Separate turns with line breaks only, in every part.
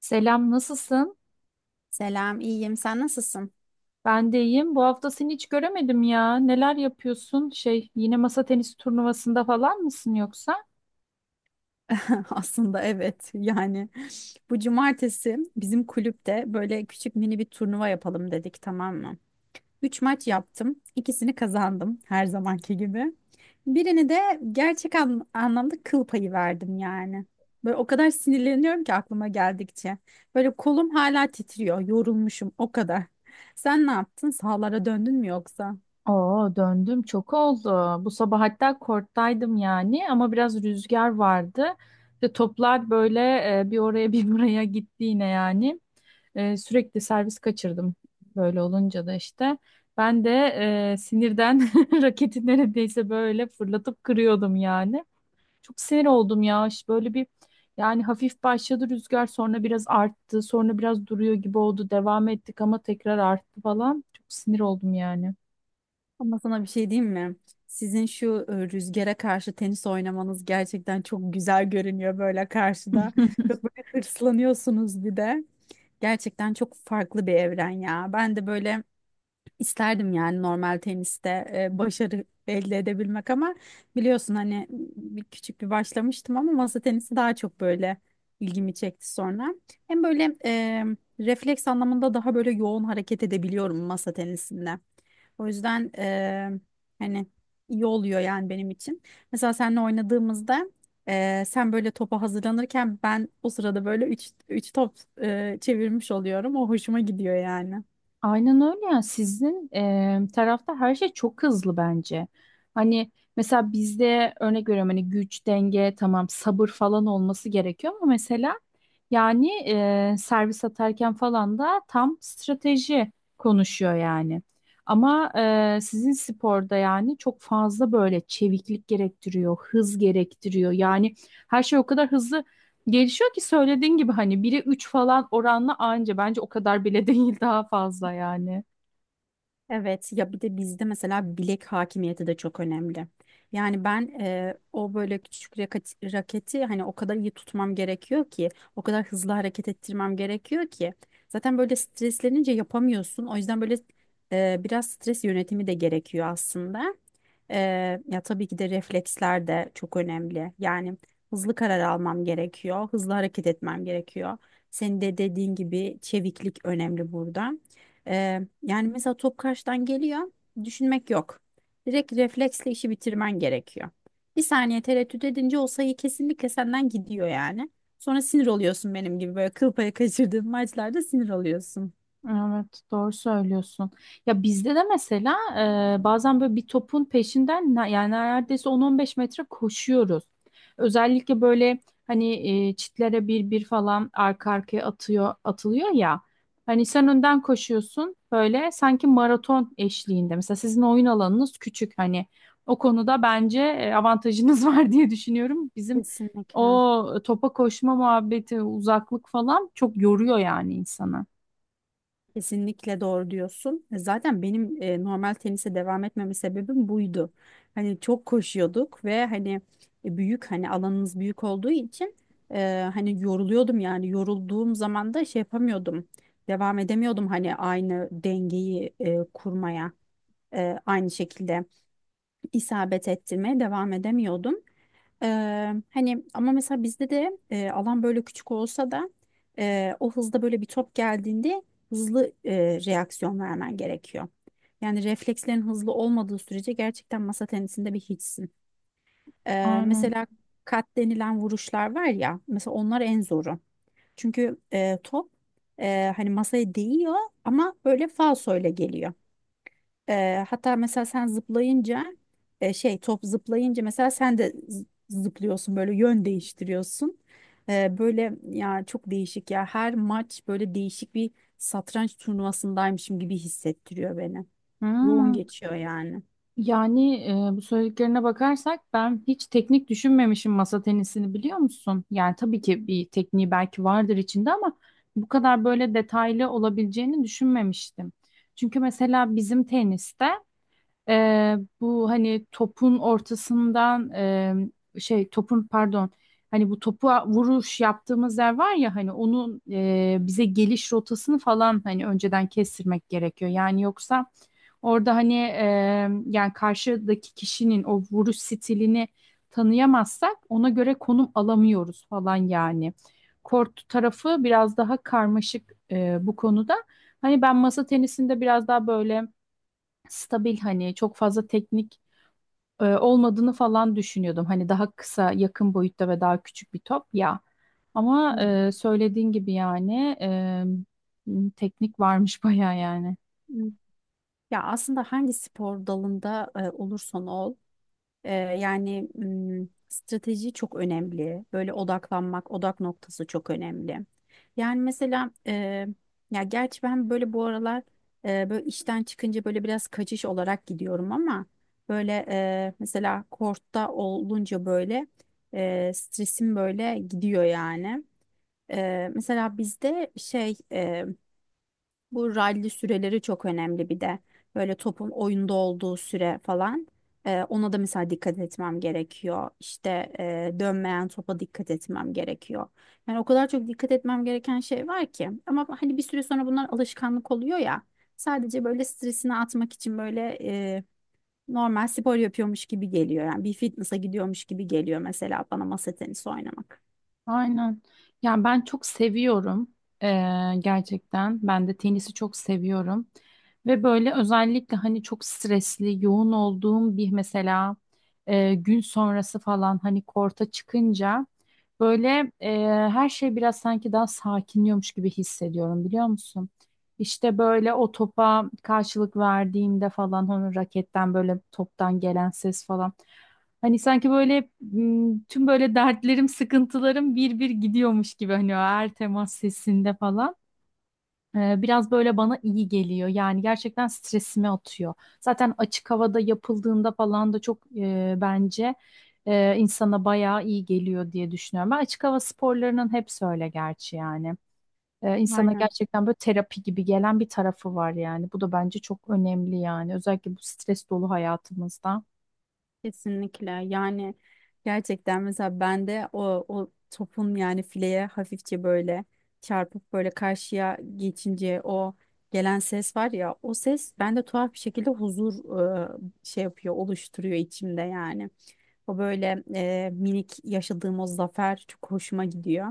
Selam, nasılsın?
Selam, iyiyim. Sen nasılsın?
Ben de iyiyim. Bu hafta seni hiç göremedim ya. Neler yapıyorsun? Yine masa tenisi turnuvasında falan mısın yoksa?
Aslında evet. Bu cumartesi bizim kulüpte böyle küçük mini bir turnuva yapalım dedik, tamam mı? Üç maç yaptım. İkisini kazandım her zamanki gibi. Birini de gerçek anlamda kıl payı verdim yani. Böyle o kadar sinirleniyorum ki aklıma geldikçe. Böyle kolum hala titriyor. Yorulmuşum o kadar. Sen ne yaptın? Sahalara döndün mü yoksa?
Oo, döndüm. Çok oldu. Bu sabah hatta korttaydım yani ama biraz rüzgar vardı. İşte toplar böyle bir oraya bir buraya gitti yine yani. Sürekli servis kaçırdım. Böyle olunca da işte ben de sinirden raketi neredeyse böyle fırlatıp kırıyordum yani. Çok sinir oldum ya. İşte böyle bir yani hafif başladı rüzgar, sonra biraz arttı, sonra biraz duruyor gibi oldu. Devam ettik ama tekrar arttı falan. Çok sinir oldum yani.
Ama sana bir şey diyeyim mi? Sizin şu rüzgara karşı tenis oynamanız gerçekten çok güzel görünüyor böyle karşıda. Çok böyle hırslanıyorsunuz bir de. Gerçekten çok farklı bir evren ya. Ben de böyle İsterdim yani normal teniste başarı elde edebilmek ama biliyorsun hani bir küçük bir başlamıştım ama masa tenisi daha çok böyle ilgimi çekti sonra. Hem böyle refleks anlamında daha böyle yoğun hareket edebiliyorum masa tenisinde. O yüzden hani iyi oluyor yani benim için. Mesela seninle oynadığımızda sen böyle topa hazırlanırken ben o sırada böyle 3 3 top çevirmiş oluyorum. O hoşuma gidiyor yani.
Aynen öyle ya. Sizin tarafta her şey çok hızlı bence. Hani mesela bizde örnek veriyorum, hani güç, denge, tamam, sabır falan olması gerekiyor ama mesela yani servis atarken falan da tam strateji konuşuyor yani. Ama sizin sporda yani çok fazla böyle çeviklik gerektiriyor, hız gerektiriyor. Yani her şey o kadar hızlı gelişiyor ki söylediğin gibi hani 1'e 3 falan oranla anca, bence o kadar bile değil, daha fazla yani.
Evet ya bir de bizde mesela bilek hakimiyeti de çok önemli. Yani ben o böyle küçük raketi hani o kadar iyi tutmam gerekiyor ki o kadar hızlı hareket ettirmem gerekiyor ki zaten böyle streslenince yapamıyorsun. O yüzden böyle biraz stres yönetimi de gerekiyor aslında. Ya tabii ki de refleksler de çok önemli. Yani hızlı karar almam gerekiyor, hızlı hareket etmem gerekiyor. Senin de dediğin gibi çeviklik önemli burada. Yani mesela top karşıdan geliyor, düşünmek yok. Direkt refleksle işi bitirmen gerekiyor. Bir saniye tereddüt edince o sayı kesinlikle senden gidiyor yani. Sonra sinir oluyorsun benim gibi böyle kıl payı kaçırdığın maçlarda sinir oluyorsun.
Evet, doğru söylüyorsun. Ya bizde de mesela bazen böyle bir topun peşinden yani neredeyse on on beş metre koşuyoruz. Özellikle böyle hani çitlere bir bir falan arka arkaya atıyor atılıyor ya. Hani sen önden koşuyorsun böyle sanki maraton eşliğinde. Mesela sizin oyun alanınız küçük, hani o konuda bence avantajınız var diye düşünüyorum. Bizim
Kesinlikle.
o topa koşma muhabbeti, uzaklık falan çok yoruyor yani insanı.
Kesinlikle doğru diyorsun. Zaten benim normal tenise devam etmeme sebebim buydu. Hani çok koşuyorduk ve hani büyük hani alanımız büyük olduğu için hani yoruluyordum yani yorulduğum zaman da şey yapamıyordum. Devam edemiyordum hani aynı dengeyi kurmaya, aynı şekilde isabet ettirmeye devam edemiyordum. Hani ama mesela bizde de alan böyle küçük olsa da o hızda böyle bir top geldiğinde hızlı reaksiyon vermen gerekiyor. Yani reflekslerin hızlı olmadığı sürece gerçekten masa tenisinde bir hiçsin. Mesela kat denilen vuruşlar var ya mesela onlar en zoru. Çünkü top hani masaya değiyor ama böyle falsoyla geliyor. Hatta mesela sen zıplayınca şey top zıplayınca mesela sen de zıplıyorsun böyle yön değiştiriyorsun. Böyle ya çok değişik ya her maç böyle değişik bir satranç turnuvasındaymışım gibi hissettiriyor beni. Yoğun
Hmm,
geçiyor yani.
Yani bu söylediklerine bakarsak ben hiç teknik düşünmemişim masa tenisini, biliyor musun? Yani tabii ki bir tekniği belki vardır içinde ama bu kadar böyle detaylı olabileceğini düşünmemiştim. Çünkü mesela bizim teniste bu hani topun ortasından topun, pardon, hani bu topu vuruş yaptığımız yer var ya, hani onun bize geliş rotasını falan hani önceden kestirmek gerekiyor. Yani yoksa orada hani yani karşıdaki kişinin o vuruş stilini tanıyamazsak ona göre konum alamıyoruz falan yani. Kort tarafı biraz daha karmaşık bu konuda. Hani ben masa tenisinde biraz daha böyle stabil, hani çok fazla teknik olmadığını falan düşünüyordum. Hani daha kısa, yakın boyutta ve daha küçük bir top ya. Ama
Hı
söylediğin gibi yani teknik varmış bayağı yani.
hı. Ya aslında hangi spor dalında olursan ol. Yani strateji çok önemli. Böyle odaklanmak, odak noktası çok önemli. Yani mesela ya gerçi ben böyle bu aralar böyle işten çıkınca böyle biraz kaçış olarak gidiyorum ama böyle mesela kortta olunca böyle stresim böyle gidiyor yani. Mesela bizde şey bu rally süreleri çok önemli bir de. Böyle topun oyunda olduğu süre falan. Ona da mesela dikkat etmem gerekiyor. İşte dönmeyen topa dikkat etmem gerekiyor. Yani o kadar çok dikkat etmem gereken şey var ki. Ama hani bir süre sonra bunlar alışkanlık oluyor ya. Sadece böyle stresini atmak için böyle normal spor yapıyormuş gibi geliyor. Yani bir fitness'a gidiyormuş gibi geliyor mesela bana masa tenisi oynamak.
Aynen. Ya ben çok seviyorum gerçekten. Ben de tenisi çok seviyorum. Ve böyle özellikle hani çok stresli, yoğun olduğum bir mesela gün sonrası falan hani korta çıkınca böyle her şey biraz sanki daha sakinliyormuş gibi hissediyorum, biliyor musun? İşte böyle o topa karşılık verdiğimde falan onun raketten böyle toptan gelen ses falan. Hani sanki böyle tüm böyle dertlerim, sıkıntılarım bir bir gidiyormuş gibi hani o her temas sesinde falan. Biraz böyle bana iyi geliyor. Yani gerçekten stresimi atıyor. Zaten açık havada yapıldığında falan da çok bence insana bayağı iyi geliyor diye düşünüyorum. Ben açık hava sporlarının hepsi öyle gerçi yani insana
Aynen.
gerçekten böyle terapi gibi gelen bir tarafı var yani. Bu da bence çok önemli yani. Özellikle bu stres dolu hayatımızda.
Kesinlikle yani gerçekten mesela bende o topun yani fileye hafifçe böyle çarpıp böyle karşıya geçince o gelen ses var ya o ses bende tuhaf bir şekilde huzur e, şey yapıyor oluşturuyor içimde yani. O böyle minik yaşadığım o zafer çok hoşuma gidiyor.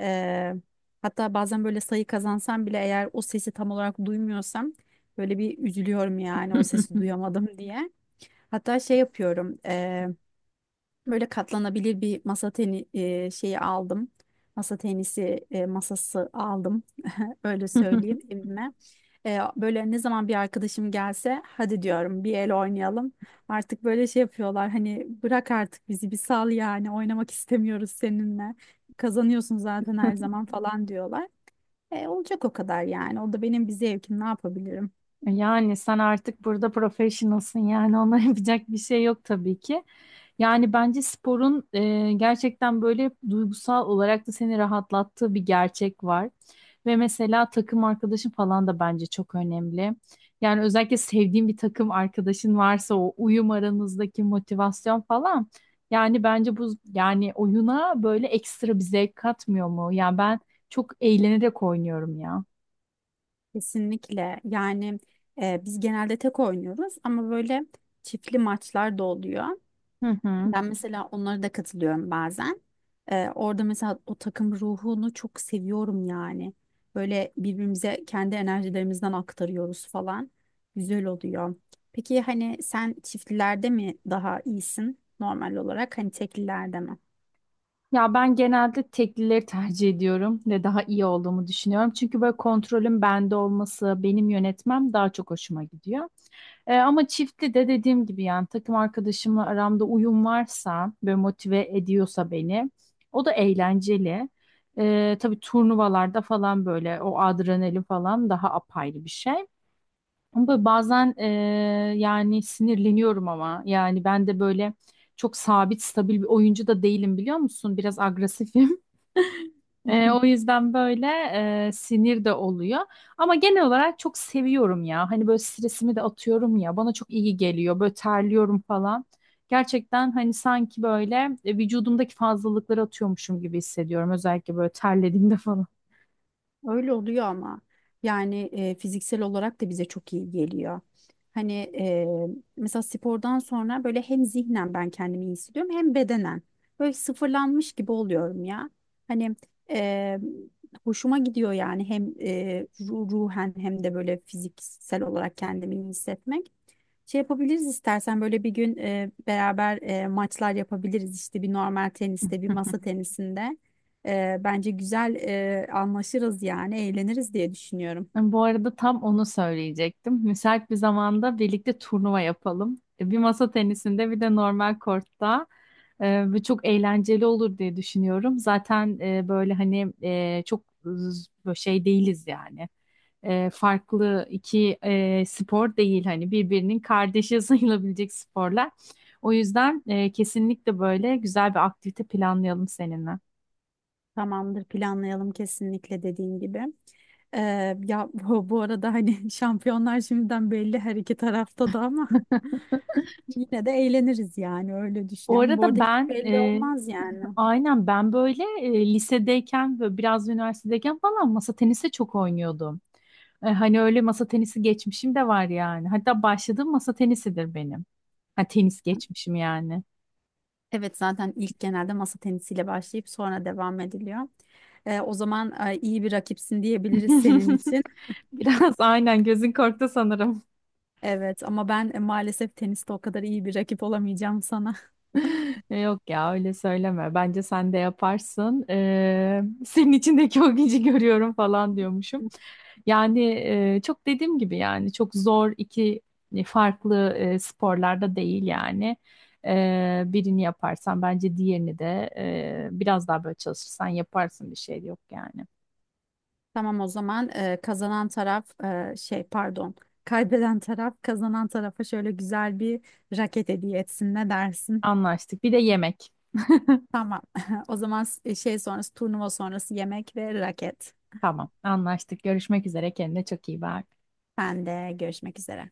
E, Hatta bazen böyle sayı kazansam bile eğer o sesi tam olarak duymuyorsam böyle bir üzülüyorum yani o sesi duyamadım diye. Hatta şey yapıyorum. Böyle katlanabilir bir masa şeyi aldım. Masa tenisi masası aldım. Öyle söyleyeyim evime. Böyle ne zaman bir arkadaşım gelse hadi diyorum bir el oynayalım. Artık böyle şey yapıyorlar hani bırak artık bizi bir sal yani oynamak istemiyoruz seninle. Kazanıyorsun zaten her zaman falan diyorlar. Olacak o kadar yani. O da benim bir zevkim, ne yapabilirim?
Yani sen artık burada professionalsın yani ona yapacak bir şey yok tabii ki. Yani bence sporun gerçekten böyle duygusal olarak da seni rahatlattığı bir gerçek var. Ve mesela takım arkadaşın falan da bence çok önemli. Yani özellikle sevdiğin bir takım arkadaşın varsa o uyum, aranızdaki motivasyon falan. Yani bence bu yani oyuna böyle ekstra bir zevk katmıyor mu? Yani ben çok eğlenerek oynuyorum ya.
Kesinlikle yani biz genelde tek oynuyoruz ama böyle çiftli maçlar da oluyor.
Hı hı.
Ben mesela onlara da katılıyorum bazen. Orada mesela o takım ruhunu çok seviyorum yani. Böyle birbirimize kendi enerjilerimizden aktarıyoruz falan. Güzel oluyor. Peki hani sen çiftlilerde mi daha iyisin normal olarak? Hani teklilerde mi?
Ya ben genelde teklileri tercih ediyorum ve daha iyi olduğumu düşünüyorum. Çünkü böyle kontrolün bende olması, benim yönetmem daha çok hoşuma gidiyor. Ama çiftli de dediğim gibi yani takım arkadaşımla aramda uyum varsa ve motive ediyorsa beni, o da eğlenceli. Tabii turnuvalarda falan böyle o adrenalin falan daha apayrı bir şey. Ama bazen yani sinirleniyorum ama yani ben de böyle çok sabit, stabil bir oyuncu da değilim, biliyor musun? Biraz agresifim. O yüzden böyle sinir de oluyor. Ama genel olarak çok seviyorum ya. Hani böyle stresimi de atıyorum ya. Bana çok iyi geliyor. Böyle terliyorum falan. Gerçekten hani sanki böyle vücudumdaki fazlalıkları atıyormuşum gibi hissediyorum. Özellikle böyle terlediğimde falan.
Öyle oluyor ama yani fiziksel olarak da bize çok iyi geliyor. Hani e, mesela spordan sonra böyle hem zihnen ben kendimi iyi hissediyorum hem bedenen. Böyle sıfırlanmış gibi oluyorum ya. Hani e, hoşuma gidiyor yani hem ruhen hem de böyle fiziksel olarak kendimi iyi hissetmek. Şey yapabiliriz istersen böyle bir gün beraber maçlar yapabiliriz işte bir normal teniste bir masa tenisinde. Bence güzel anlaşırız yani eğleniriz diye düşünüyorum.
Bu arada tam onu söyleyecektim. Müsait bir zamanda birlikte turnuva yapalım. Bir masa tenisinde, bir de normal kortta. Ve çok eğlenceli olur diye düşünüyorum. Zaten böyle hani çok böyle şey değiliz yani. Farklı iki spor değil, hani birbirinin kardeşi sayılabilecek sporlar. O yüzden kesinlikle böyle güzel bir aktivite planlayalım seninle.
Tamamdır, planlayalım kesinlikle dediğin gibi. E, Ya bu arada hani şampiyonlar şimdiden belli her iki tarafta da ama yine de eğleniriz yani öyle
Bu
düşünüyorum. Bu
arada
arada hiç
ben
belli
e,
olmaz yani.
Aynen, ben böyle lisedeyken ve biraz da üniversitedeyken falan masa tenisi çok oynuyordum. Hani öyle masa tenisi geçmişim de var yani. Hatta başladığım masa tenisidir benim. Ha, tenis geçmişim yani.
Evet, zaten ilk genelde masa tenisiyle başlayıp sonra devam ediliyor. O zaman iyi bir rakipsin diyebiliriz senin için.
Biraz aynen gözün korktu sanırım.
Evet ama ben maalesef teniste o kadar iyi bir rakip olamayacağım sana.
Yok ya, öyle söyleme. Bence sen de yaparsın. Senin içindeki o gücü görüyorum falan diyormuşum. Yani çok dediğim gibi yani çok zor iki farklı sporlarda değil yani. Birini yaparsan bence diğerini de biraz daha böyle çalışırsan yaparsın, bir şey yok yani.
Tamam, o zaman kazanan taraf e, şey pardon kaybeden taraf kazanan tarafa şöyle güzel bir raket hediye etsin, ne dersin?
Anlaştık. Bir de yemek.
Tamam, o zaman s- şey sonrası turnuva sonrası yemek ve raket.
Tamam, anlaştık. Görüşmek üzere. Kendine çok iyi bak.
Ben de görüşmek üzere.